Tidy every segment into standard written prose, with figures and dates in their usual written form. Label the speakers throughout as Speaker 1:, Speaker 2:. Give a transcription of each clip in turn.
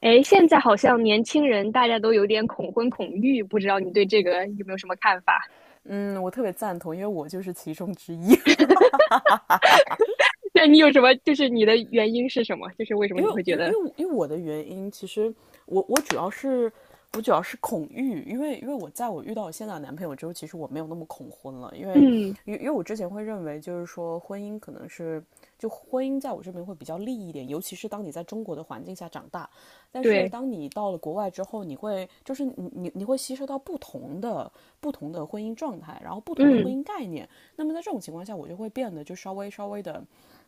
Speaker 1: 哎，现在好像年轻人大家都有点恐婚恐育，不知道你对这个有没有什么看法？
Speaker 2: 嗯，我特别赞同，因为我就是其中之一。
Speaker 1: 那你有什么，就是你的原因是什么？就是为什么
Speaker 2: 因
Speaker 1: 你
Speaker 2: 为，
Speaker 1: 会觉
Speaker 2: 因为，
Speaker 1: 得，
Speaker 2: 因为，我的原因，其实我我主要是我主要是恐育，因为我遇到我现在的男朋友之后，其实我没有那么恐婚了，因为
Speaker 1: 嗯，
Speaker 2: 因为因为我之前会认为就是说婚姻可能是就婚姻在我这边会比较利一点，尤其是当你在中国的环境下长大，但是
Speaker 1: 对，
Speaker 2: 当你到了国外之后，你会就是你你你会吸收到不同的婚姻状态，然后不同的婚
Speaker 1: 嗯
Speaker 2: 姻概念，那么在这种情况下，我就会变得就稍微的。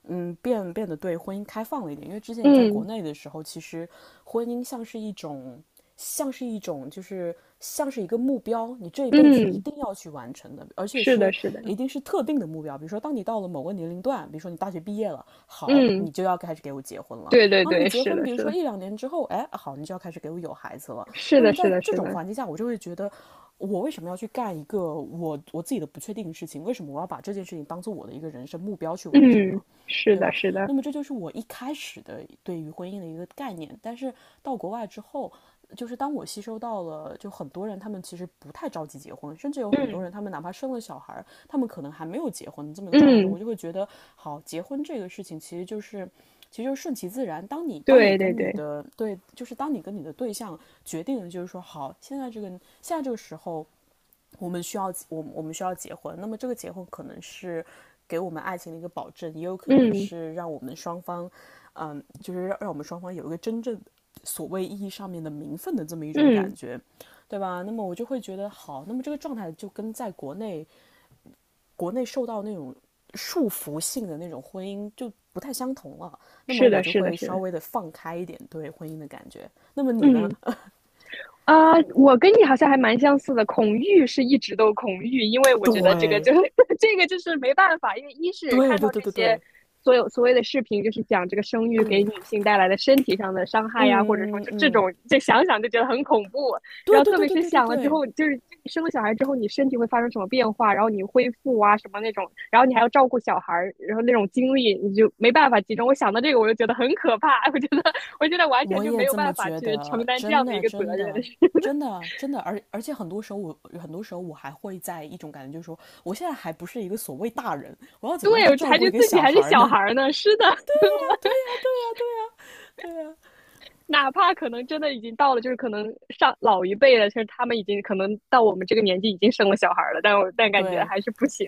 Speaker 2: 变得对婚姻开放了一点，因为之前你在国
Speaker 1: 嗯
Speaker 2: 内的时候，其实婚姻像是一种，像是一种，就是像是一个目标，你这一辈子一
Speaker 1: 嗯，
Speaker 2: 定要去完成的，而且
Speaker 1: 是的，
Speaker 2: 是
Speaker 1: 是的，
Speaker 2: 一定是特定的目标。比如说，当你到了某个年龄段，比如说你大学毕业了，好，
Speaker 1: 嗯，
Speaker 2: 你就要开始给我结婚了。
Speaker 1: 对对
Speaker 2: 好，那么
Speaker 1: 对，
Speaker 2: 结
Speaker 1: 是
Speaker 2: 婚，
Speaker 1: 的，
Speaker 2: 比如
Speaker 1: 是
Speaker 2: 说
Speaker 1: 的，
Speaker 2: 一两年之后，哎，好，你就要开始给我有孩子了。
Speaker 1: 是
Speaker 2: 那
Speaker 1: 的，
Speaker 2: 么
Speaker 1: 是
Speaker 2: 在
Speaker 1: 的，
Speaker 2: 这
Speaker 1: 是
Speaker 2: 种
Speaker 1: 的，
Speaker 2: 环境下，我就会觉得，我为什么要去干一个我自己的不确定的事情？为什么我要把这件事情当做我的一个人生目标去完成
Speaker 1: 嗯，
Speaker 2: 呢？
Speaker 1: 是
Speaker 2: 对
Speaker 1: 的，
Speaker 2: 吧？
Speaker 1: 是的，
Speaker 2: 那么这就是我一开始的对于婚姻的一个概念。但是到国外之后，就是当我吸收到了，就很多人他们其实不太着急结婚，甚至有很多
Speaker 1: 嗯
Speaker 2: 人他们哪怕生了小孩他们可能还没有结婚这么一个状态中，
Speaker 1: 嗯，
Speaker 2: 我就会觉得，好，结婚这个事情其实就是。其实就是顺其自然。
Speaker 1: 对对对，
Speaker 2: 当你跟你的对象决定，就是说好，现在这个时候，我们需要结婚，那么这个结婚可能是给我们爱情的一个保证，也有可能
Speaker 1: 嗯
Speaker 2: 是让我们双方，就是让我们双方有一个真正所谓意义上面的名分的这么一种感
Speaker 1: 嗯，
Speaker 2: 觉，对吧？那么我就会觉得好，那么这个状态就跟在国内受到那种束缚性的那种婚姻就不太相同了，那么
Speaker 1: 是
Speaker 2: 我
Speaker 1: 的，
Speaker 2: 就
Speaker 1: 是的，
Speaker 2: 会
Speaker 1: 是
Speaker 2: 稍
Speaker 1: 的，
Speaker 2: 微的放开一点对婚姻的感觉。那么你
Speaker 1: 嗯。
Speaker 2: 呢？
Speaker 1: 啊，我跟你好像还蛮相似的。恐育是一直都恐育，因为我觉得这个
Speaker 2: 对，
Speaker 1: 就 这个就是没办法，因为一是
Speaker 2: 对，
Speaker 1: 看到
Speaker 2: 对，对，
Speaker 1: 这
Speaker 2: 对，
Speaker 1: 些
Speaker 2: 对，
Speaker 1: 所有所谓的视频，就是讲这个生育给
Speaker 2: 嗯，
Speaker 1: 女性带来的身体上的伤害呀，或者说
Speaker 2: 嗯，嗯，
Speaker 1: 就这
Speaker 2: 嗯。
Speaker 1: 种，就想想就觉得很恐怖。然
Speaker 2: 对
Speaker 1: 后
Speaker 2: 对
Speaker 1: 特
Speaker 2: 对
Speaker 1: 别
Speaker 2: 对
Speaker 1: 是
Speaker 2: 对对
Speaker 1: 想了之
Speaker 2: 对，
Speaker 1: 后，就是你生了小孩之后，你身体会发生什么变化，然后你恢复啊什么那种，然后你还要照顾小孩儿，然后那种精力你就没办法集中。我想到这个，我就觉得很可怕，我觉得完全
Speaker 2: 我
Speaker 1: 就没
Speaker 2: 也
Speaker 1: 有
Speaker 2: 这么
Speaker 1: 办法
Speaker 2: 觉
Speaker 1: 去承
Speaker 2: 得，
Speaker 1: 担这
Speaker 2: 真
Speaker 1: 样的一
Speaker 2: 的
Speaker 1: 个责
Speaker 2: 真
Speaker 1: 任。
Speaker 2: 的真的真的，而且很多时候我还会在一种感觉，就是说我现在还不是一个所谓大人，我要怎么样
Speaker 1: 对，
Speaker 2: 去
Speaker 1: 我
Speaker 2: 照
Speaker 1: 还
Speaker 2: 顾
Speaker 1: 觉
Speaker 2: 一
Speaker 1: 得
Speaker 2: 个
Speaker 1: 自己
Speaker 2: 小
Speaker 1: 还是
Speaker 2: 孩
Speaker 1: 小
Speaker 2: 呢？
Speaker 1: 孩儿呢。是的，
Speaker 2: 对啊，
Speaker 1: 哪怕可能真的已经到了，就是可能上老一辈了，就是他们已经可能到我们这个年纪已经生了小孩儿了，但我但感觉
Speaker 2: 对，
Speaker 1: 还是不行，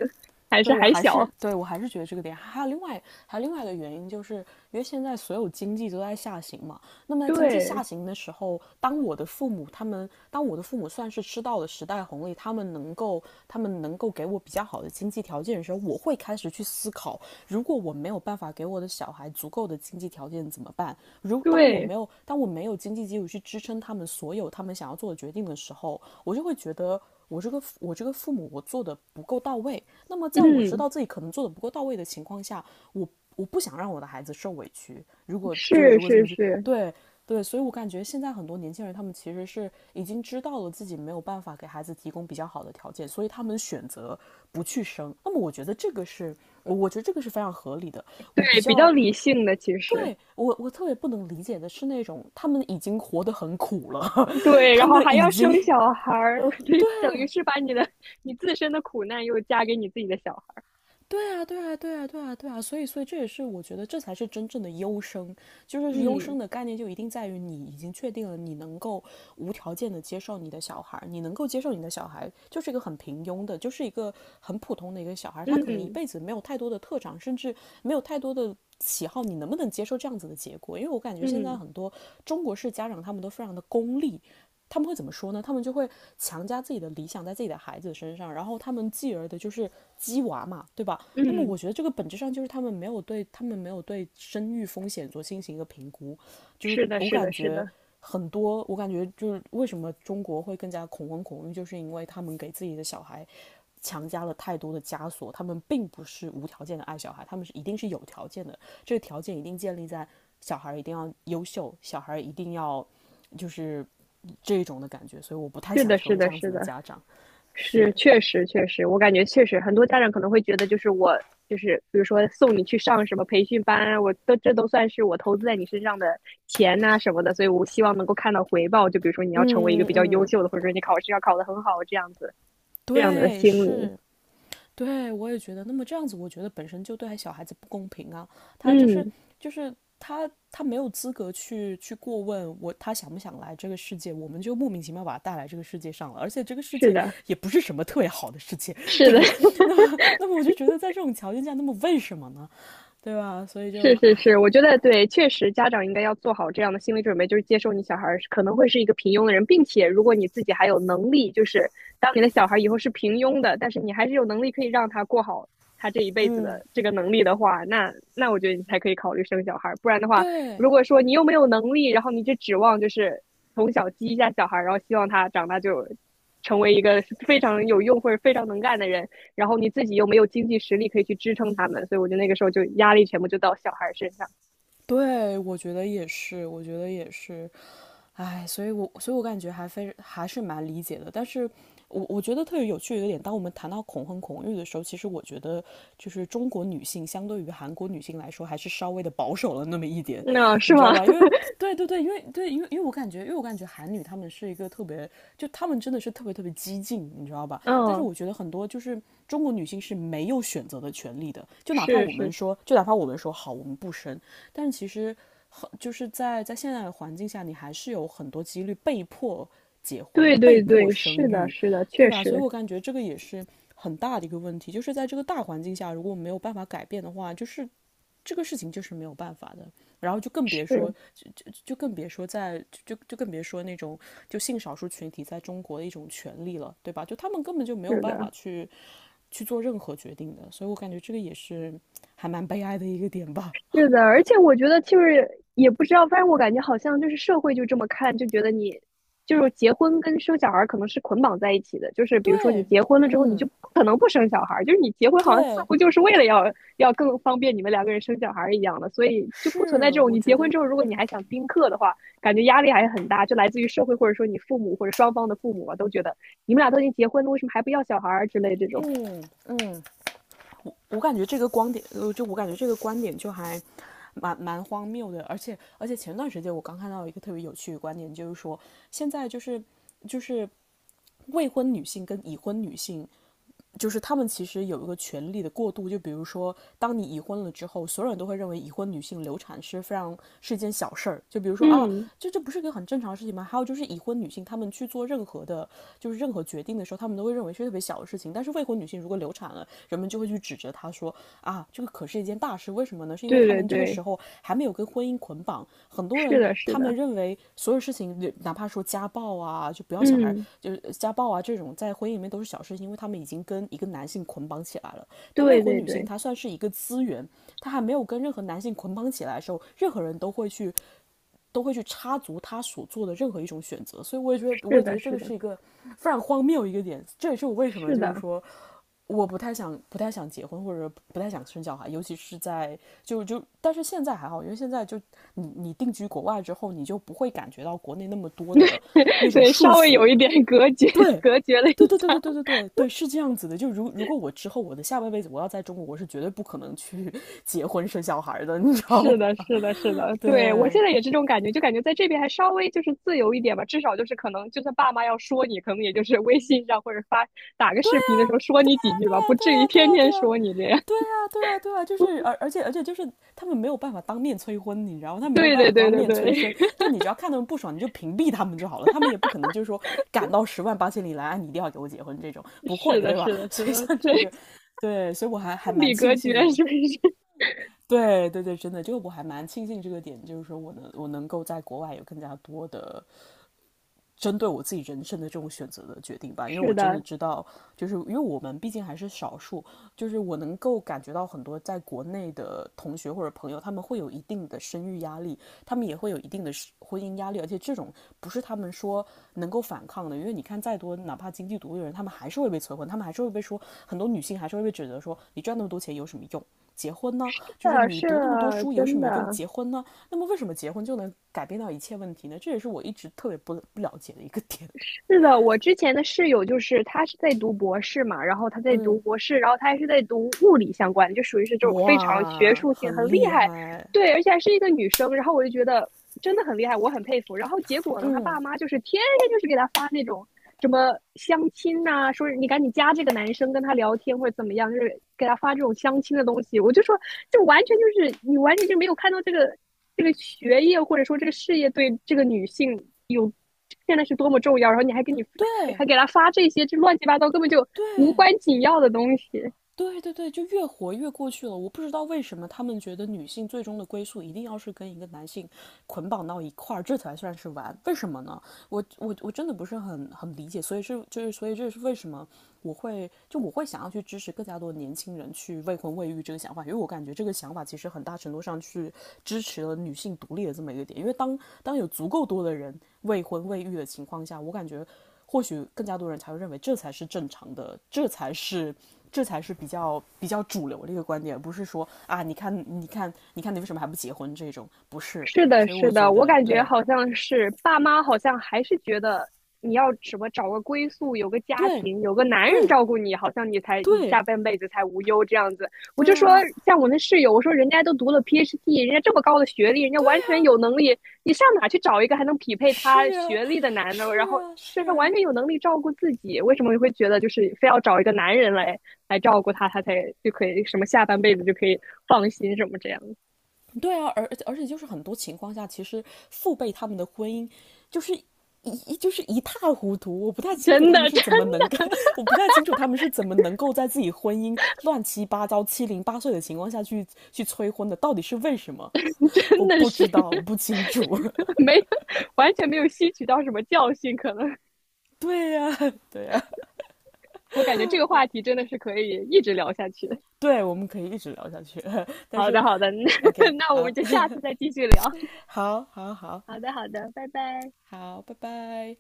Speaker 1: 还是
Speaker 2: 对我
Speaker 1: 还
Speaker 2: 还是
Speaker 1: 小。
Speaker 2: 对我还是觉得这个点，还有另外一个原因，就是因为现在所有经济都在下行嘛。那么在经济
Speaker 1: 对
Speaker 2: 下行的时候，当我的父母他们，当我的父母算是吃到了时代红利，他们能够给我比较好的经济条件的时候，我会开始去思考如果我没有办法给我的小孩足够的经济条件怎么办？如当我
Speaker 1: 对，
Speaker 2: 没有当我没有经济基础去支撑他们所有他们想要做的决定的时候，我就会觉得我这个父母我做的不够到位。那么在我知
Speaker 1: 嗯，
Speaker 2: 道自己可能做的不够到位的情况下，我我不想让我的孩子受委屈。如果就
Speaker 1: 是
Speaker 2: 如果这
Speaker 1: 是
Speaker 2: 么去。
Speaker 1: 是，
Speaker 2: 对，对，所以我感觉现在很多年轻人，他们其实是已经知道了自己没有办法给孩子提供比较好的条件，所以他们选择不去生。那么我觉得这个是非常合理的。我比
Speaker 1: 对，比较
Speaker 2: 较
Speaker 1: 理性的其实。
Speaker 2: 对，我特别不能理解的是那种他们已经活得很苦了，
Speaker 1: 对，
Speaker 2: 他
Speaker 1: 然后
Speaker 2: 们
Speaker 1: 还
Speaker 2: 已
Speaker 1: 要
Speaker 2: 经
Speaker 1: 生小孩儿，我觉得等于
Speaker 2: 对
Speaker 1: 是把你的你自身的苦难又加给你自己的小孩儿。
Speaker 2: 对啊，对啊，对啊，对啊，对啊，所以这也是我觉得这才是真正的优生，就是优
Speaker 1: 嗯
Speaker 2: 生的概念就一定在于你已经确定了你能够无条件的接受你的小孩，你能够接受你的小孩就是一个很平庸的，就是一个很普通的一个小孩，他可能一
Speaker 1: 嗯
Speaker 2: 辈子没有太多的特长，甚至没有太多的喜好，你能不能接受这样子的结果？因为我感觉现在
Speaker 1: 嗯
Speaker 2: 很多中国式家长他们都非常的功利，他们会怎么说呢？他们就会强加自己的理想在自己的孩子身上，然后他们继而的就是鸡娃嘛，对吧？那么
Speaker 1: 嗯，
Speaker 2: 我觉得这个本质上就是他们没有对生育风险进行一个评估，就是
Speaker 1: 是的，
Speaker 2: 我
Speaker 1: 是
Speaker 2: 感
Speaker 1: 的，是
Speaker 2: 觉
Speaker 1: 的，
Speaker 2: 我感觉就是为什么中国会更加恐婚恐育，就是因为他们给自己的小孩强加了太多的枷锁，他们并不是无条件的爱小孩，他们是一定是有条件的，这个条件一定建立在小孩一定要优秀，小孩一定要就是这种的感觉，所以我不太
Speaker 1: 是
Speaker 2: 想
Speaker 1: 的，
Speaker 2: 成
Speaker 1: 是
Speaker 2: 为这
Speaker 1: 的，
Speaker 2: 样子
Speaker 1: 是
Speaker 2: 的
Speaker 1: 的。
Speaker 2: 家长。
Speaker 1: 是，
Speaker 2: 是，
Speaker 1: 确实确实，我感觉确实很多家长可能会觉得，就是我就是比如说送你去上什么培训班啊我都这都算是我投资在你身上的钱呐、什么的，所以我希望能够看到回报。就比如说你要成为一个
Speaker 2: 嗯
Speaker 1: 比较优
Speaker 2: 嗯，
Speaker 1: 秀的，或者说你考试要考得很好这样子，这样的
Speaker 2: 对，
Speaker 1: 心理。
Speaker 2: 是。对，我也觉得。那么这样子，我觉得本身就对小孩子不公平啊。他就是
Speaker 1: 嗯，
Speaker 2: 就是他他没有资格去过问我他想不想来这个世界，我们就莫名其妙把他带来这个世界上了。而且这个世
Speaker 1: 是
Speaker 2: 界
Speaker 1: 的，
Speaker 2: 也不是什么特别好的世界，
Speaker 1: 是
Speaker 2: 对
Speaker 1: 的，
Speaker 2: 吧？那么我就觉得在这种条件下，那么为什么呢？对吧？所以就
Speaker 1: 是是
Speaker 2: 唉，
Speaker 1: 是，我觉得对，确实家长应该要做好这样的心理准备，就是接受你小孩儿是可能会是一个平庸的人，并且如果你自己还有能力，就是当你的小孩以后是平庸的，但是你还是有能力可以让他过好他这一辈子
Speaker 2: 嗯，
Speaker 1: 的这个能力的话，那我觉得你才可以考虑生小孩儿。不然的话，
Speaker 2: 对
Speaker 1: 如果说你又没有能力，然后你就指望就是从小激一下小孩儿，然后希望他长大就成为一个非常有用或者非常能干的人，然后你自己又没有经济实力可以去支撑他们，所以我觉得那个时候就压力全部就到小孩身上。
Speaker 2: 对，我觉得也是，我觉得也是，唉，所以我感觉还非还是蛮理解的，但是我觉得特别有趣的一个点，当我们谈到恐婚恐育的时候，其实我觉得就是中国女性相对于韩国女性来说，还是稍微的保守了那么一点，
Speaker 1: 那、嗯是
Speaker 2: 你知道
Speaker 1: 吗？
Speaker 2: 吧？对对对，对，因为我感觉韩女她们是一个特别，就她们真的是特别特别激进，你知道吧？但是
Speaker 1: 嗯，
Speaker 2: 我觉得很多就是中国女性是没有选择的权利的，
Speaker 1: 是是，
Speaker 2: 就哪怕我们说好，我们不生，但是其实。就是在现在的环境下，你还是有很多几率被迫结婚、
Speaker 1: 对
Speaker 2: 被
Speaker 1: 对
Speaker 2: 迫
Speaker 1: 对，
Speaker 2: 生
Speaker 1: 是的，
Speaker 2: 育，
Speaker 1: 是的，
Speaker 2: 对
Speaker 1: 确
Speaker 2: 吧？所以
Speaker 1: 实
Speaker 2: 我感觉这个也是很大的一个问题，就是在这个大环境下，如果没有办法改变的话，就是这个事情就是没有办法的。然后就更别说，
Speaker 1: 是
Speaker 2: 就就更别说在就就更别说那种就性少数群体在中国的一种权利了，对吧？就他们根本就没有
Speaker 1: 是
Speaker 2: 办法
Speaker 1: 的。
Speaker 2: 去做任何决定的，所以我感觉这个也是还蛮悲哀的一个点吧。
Speaker 1: 是的，而且我觉得就是也不知道，反正我感觉好像就是社会就这么看，就觉得你就是结婚跟生小孩儿可能是捆绑在一起的，就是比如说你
Speaker 2: 对，
Speaker 1: 结婚了之后，你就
Speaker 2: 嗯，
Speaker 1: 不可能不生小孩儿，就是你结婚好像似
Speaker 2: 对，
Speaker 1: 乎就是为了要更方便你们两个人生小孩儿一样的，所以就不存在
Speaker 2: 是，
Speaker 1: 这种
Speaker 2: 我
Speaker 1: 你
Speaker 2: 觉
Speaker 1: 结婚
Speaker 2: 得，
Speaker 1: 之后，如果你还想丁克的话，感觉压力还是很大，就来自于社会或者说你父母或者双方的父母啊，都觉得你们俩都已经结婚了，为什么还不要小孩儿之类这种。
Speaker 2: 嗯嗯，我感觉这个观点就还蛮荒谬的，而且前段时间我刚看到一个特别有趣的观点，就是说现在就是未婚女性跟已婚女性就是他们其实有一个权力的过渡，就比如说，当你已婚了之后，所有人都会认为已婚女性流产是非常是一件小事儿。就比如说啊，
Speaker 1: 嗯，
Speaker 2: 这不是一个很正常的事情吗？还有就是已婚女性，她们去做任何的，就是任何决定的时候，她们都会认为是特别小的事情。但是未婚女性如果流产了，人们就会去指责他说啊，这个可是一件大事，为什么呢？是因为
Speaker 1: 对
Speaker 2: 他
Speaker 1: 对
Speaker 2: 们这个
Speaker 1: 对，
Speaker 2: 时候还没有跟婚姻捆绑，很多
Speaker 1: 是
Speaker 2: 人
Speaker 1: 的，是
Speaker 2: 他们
Speaker 1: 的，
Speaker 2: 认为所有事情，哪怕说家暴啊，就不要小孩，
Speaker 1: 嗯，
Speaker 2: 就是家暴啊这种在婚姻里面都是小事情，因为他们已经跟一个男性捆绑起来了。但未
Speaker 1: 对
Speaker 2: 婚
Speaker 1: 对
Speaker 2: 女性
Speaker 1: 对。
Speaker 2: 她算是一个资源，她还没有跟任何男性捆绑起来的时候，任何人都会去插足她所做的任何一种选择。所以我也觉得，我
Speaker 1: 是
Speaker 2: 也觉
Speaker 1: 的，
Speaker 2: 得这
Speaker 1: 是
Speaker 2: 个
Speaker 1: 的，
Speaker 2: 是一个非常荒谬一个点，这也是我为什么
Speaker 1: 是
Speaker 2: 就是
Speaker 1: 的，
Speaker 2: 说我不太想结婚，或者不太想生小孩，尤其是在但是现在还好，因为现在就你定居国外之后，你就不会感觉到国内那么多的那 种
Speaker 1: 对，
Speaker 2: 束
Speaker 1: 稍微
Speaker 2: 缚。
Speaker 1: 有一点隔绝，
Speaker 2: 对，
Speaker 1: 隔绝了一
Speaker 2: 对对
Speaker 1: 下。
Speaker 2: 对对对 对对对，是这样子的。如果我之后我的下半辈子我要在中国，我是绝对不可能去 结婚生小孩的，你知道
Speaker 1: 是
Speaker 2: 吗？
Speaker 1: 的，是的，是 的，
Speaker 2: 对，
Speaker 1: 对，我
Speaker 2: 对
Speaker 1: 现在也是这种感觉，就感觉在这边还稍微就是自由一点吧，至少就是可能就算爸妈要说你，可能也就是微信上或者发打个视频的时候说你
Speaker 2: 啊
Speaker 1: 几句
Speaker 2: 对
Speaker 1: 吧，不
Speaker 2: 啊对
Speaker 1: 至于
Speaker 2: 啊对
Speaker 1: 天
Speaker 2: 啊，对
Speaker 1: 天说你这样。
Speaker 2: 啊，对啊，对啊，就是而且就是他们没有办法当面催婚，你知道吗？他 没有
Speaker 1: 对
Speaker 2: 办
Speaker 1: 对
Speaker 2: 法
Speaker 1: 对
Speaker 2: 当
Speaker 1: 对
Speaker 2: 面催生，
Speaker 1: 对，
Speaker 2: 就你只要看他们不爽，你就屏蔽他们就好了。他们也不可能就是说赶到十万八千里来，啊你一定要给我结婚这种，不
Speaker 1: 是
Speaker 2: 会，
Speaker 1: 的，
Speaker 2: 对
Speaker 1: 是
Speaker 2: 吧？
Speaker 1: 的，是
Speaker 2: 所以
Speaker 1: 的，
Speaker 2: 像
Speaker 1: 对，
Speaker 2: 这 个，
Speaker 1: 心
Speaker 2: 对，所以我还蛮
Speaker 1: 理隔
Speaker 2: 庆
Speaker 1: 绝
Speaker 2: 幸
Speaker 1: 是
Speaker 2: 的。
Speaker 1: 是
Speaker 2: 对对对，真的，就我还蛮庆幸这个点，就是说我能够在国外有更加多的针对我自己人生的这种选择的决定 吧，因为我
Speaker 1: 是
Speaker 2: 真的
Speaker 1: 的，
Speaker 2: 知道，就是因为我们毕竟还是少数，就是我能够感觉到很多在国内的同学或者朋友，他们会有一定的生育压力，他们也会有一定的婚姻压力，而且这种不是他们说能够反抗的，因为你看再多，哪怕经济独立的人，他们还是会被催婚，他们还是会被说，很多女性还是会被指责说，你赚那么多钱有什么用？结婚呢？
Speaker 1: 是
Speaker 2: 就是
Speaker 1: 的，
Speaker 2: 你
Speaker 1: 是
Speaker 2: 读那么多
Speaker 1: 的，
Speaker 2: 书有什
Speaker 1: 真
Speaker 2: 么用？
Speaker 1: 的。
Speaker 2: 结婚呢？那么为什么结婚就能改变到一切问题呢？这也是我一直特别不了解的一个点。
Speaker 1: 是的，我之前的室友就是他是在读博士嘛，然后他在读
Speaker 2: 嗯
Speaker 1: 博士，然后他还是在读物理相关的，就属于是这种非常学
Speaker 2: 哇，
Speaker 1: 术性
Speaker 2: 很
Speaker 1: 很厉
Speaker 2: 厉
Speaker 1: 害，
Speaker 2: 害！
Speaker 1: 对，而且还是一个女生，然后我就觉得真的很厉害，我很佩服。然后结果呢，他
Speaker 2: 嗯，
Speaker 1: 爸妈就是天天就是给他发那种什么相亲呐、说你赶紧加这个男生跟他聊天或者怎么样，就是给他发这种相亲的东西，我就说就完全就是你完全就没有看到这个学业或者说这个事业对这个女性有现在是多么重要，然后你还给
Speaker 2: 对
Speaker 1: 给她发这些这乱七八糟根本就无
Speaker 2: 对
Speaker 1: 关紧要的东西，
Speaker 2: 对对对，就越活越过去了。我不知道为什么他们觉得女性最终的归宿一定要是跟一个男性捆绑到一块儿，这才算是完。为什么呢？我真的不是很理解，所以这是为什么我会想要去支持更加多年轻人去未婚未育这个想法，因为我感觉这个想法其实很大程度上去支持了女性独立的这么一个点。因为当有足够多的人未婚未育的情况下，我感觉或许更加多人才会认为这才是正常的，这才是比较主流的一个观点，不是说啊，你看你为什么还不结婚这种，不是。
Speaker 1: 是的，
Speaker 2: 所以
Speaker 1: 是
Speaker 2: 我觉
Speaker 1: 的，我
Speaker 2: 得
Speaker 1: 感觉
Speaker 2: 对
Speaker 1: 好像是爸妈好像还是觉得你要什么找个归宿，有个家
Speaker 2: 对
Speaker 1: 庭，有个男人
Speaker 2: 对
Speaker 1: 照顾你，好像你才你下
Speaker 2: 对
Speaker 1: 半辈子才无忧这样子。我就
Speaker 2: 对
Speaker 1: 说，
Speaker 2: 啊，
Speaker 1: 像我那室友，我说人家都读了 PhD，人家这么高的学历，人家完全有能力，你上哪去找一个还能匹配他
Speaker 2: 是啊。
Speaker 1: 学历的男的？然
Speaker 2: 是
Speaker 1: 后
Speaker 2: 啊，
Speaker 1: 身
Speaker 2: 是
Speaker 1: 上完
Speaker 2: 啊，
Speaker 1: 全有能力照顾自己，为什么你会觉得就是非要找一个男人来照顾他，他才就可以什么下半辈子就可以放心什么这样？
Speaker 2: 对啊，而且就是很多情况下，其实父辈他们的婚姻就是一塌糊涂，
Speaker 1: 真的，真
Speaker 2: 我不太清楚他们是怎么能够在自己婚姻乱七八糟、七零八碎的情况下去催婚的，到底是为什么？我
Speaker 1: 真的
Speaker 2: 不知
Speaker 1: 是
Speaker 2: 道，我不清楚。
Speaker 1: 没有，完全没有吸取到什么教训，可能
Speaker 2: 对呀、啊对呀、啊
Speaker 1: 我感觉这个话题真的是可以一直聊下去的
Speaker 2: 对，我们可以一直聊下去，但
Speaker 1: 好
Speaker 2: 是
Speaker 1: 的，好的，那
Speaker 2: OK，
Speaker 1: 我
Speaker 2: 好，
Speaker 1: 们就下次再继续聊。
Speaker 2: 好，好，好，
Speaker 1: 好的，好的，拜拜。
Speaker 2: 好，拜拜。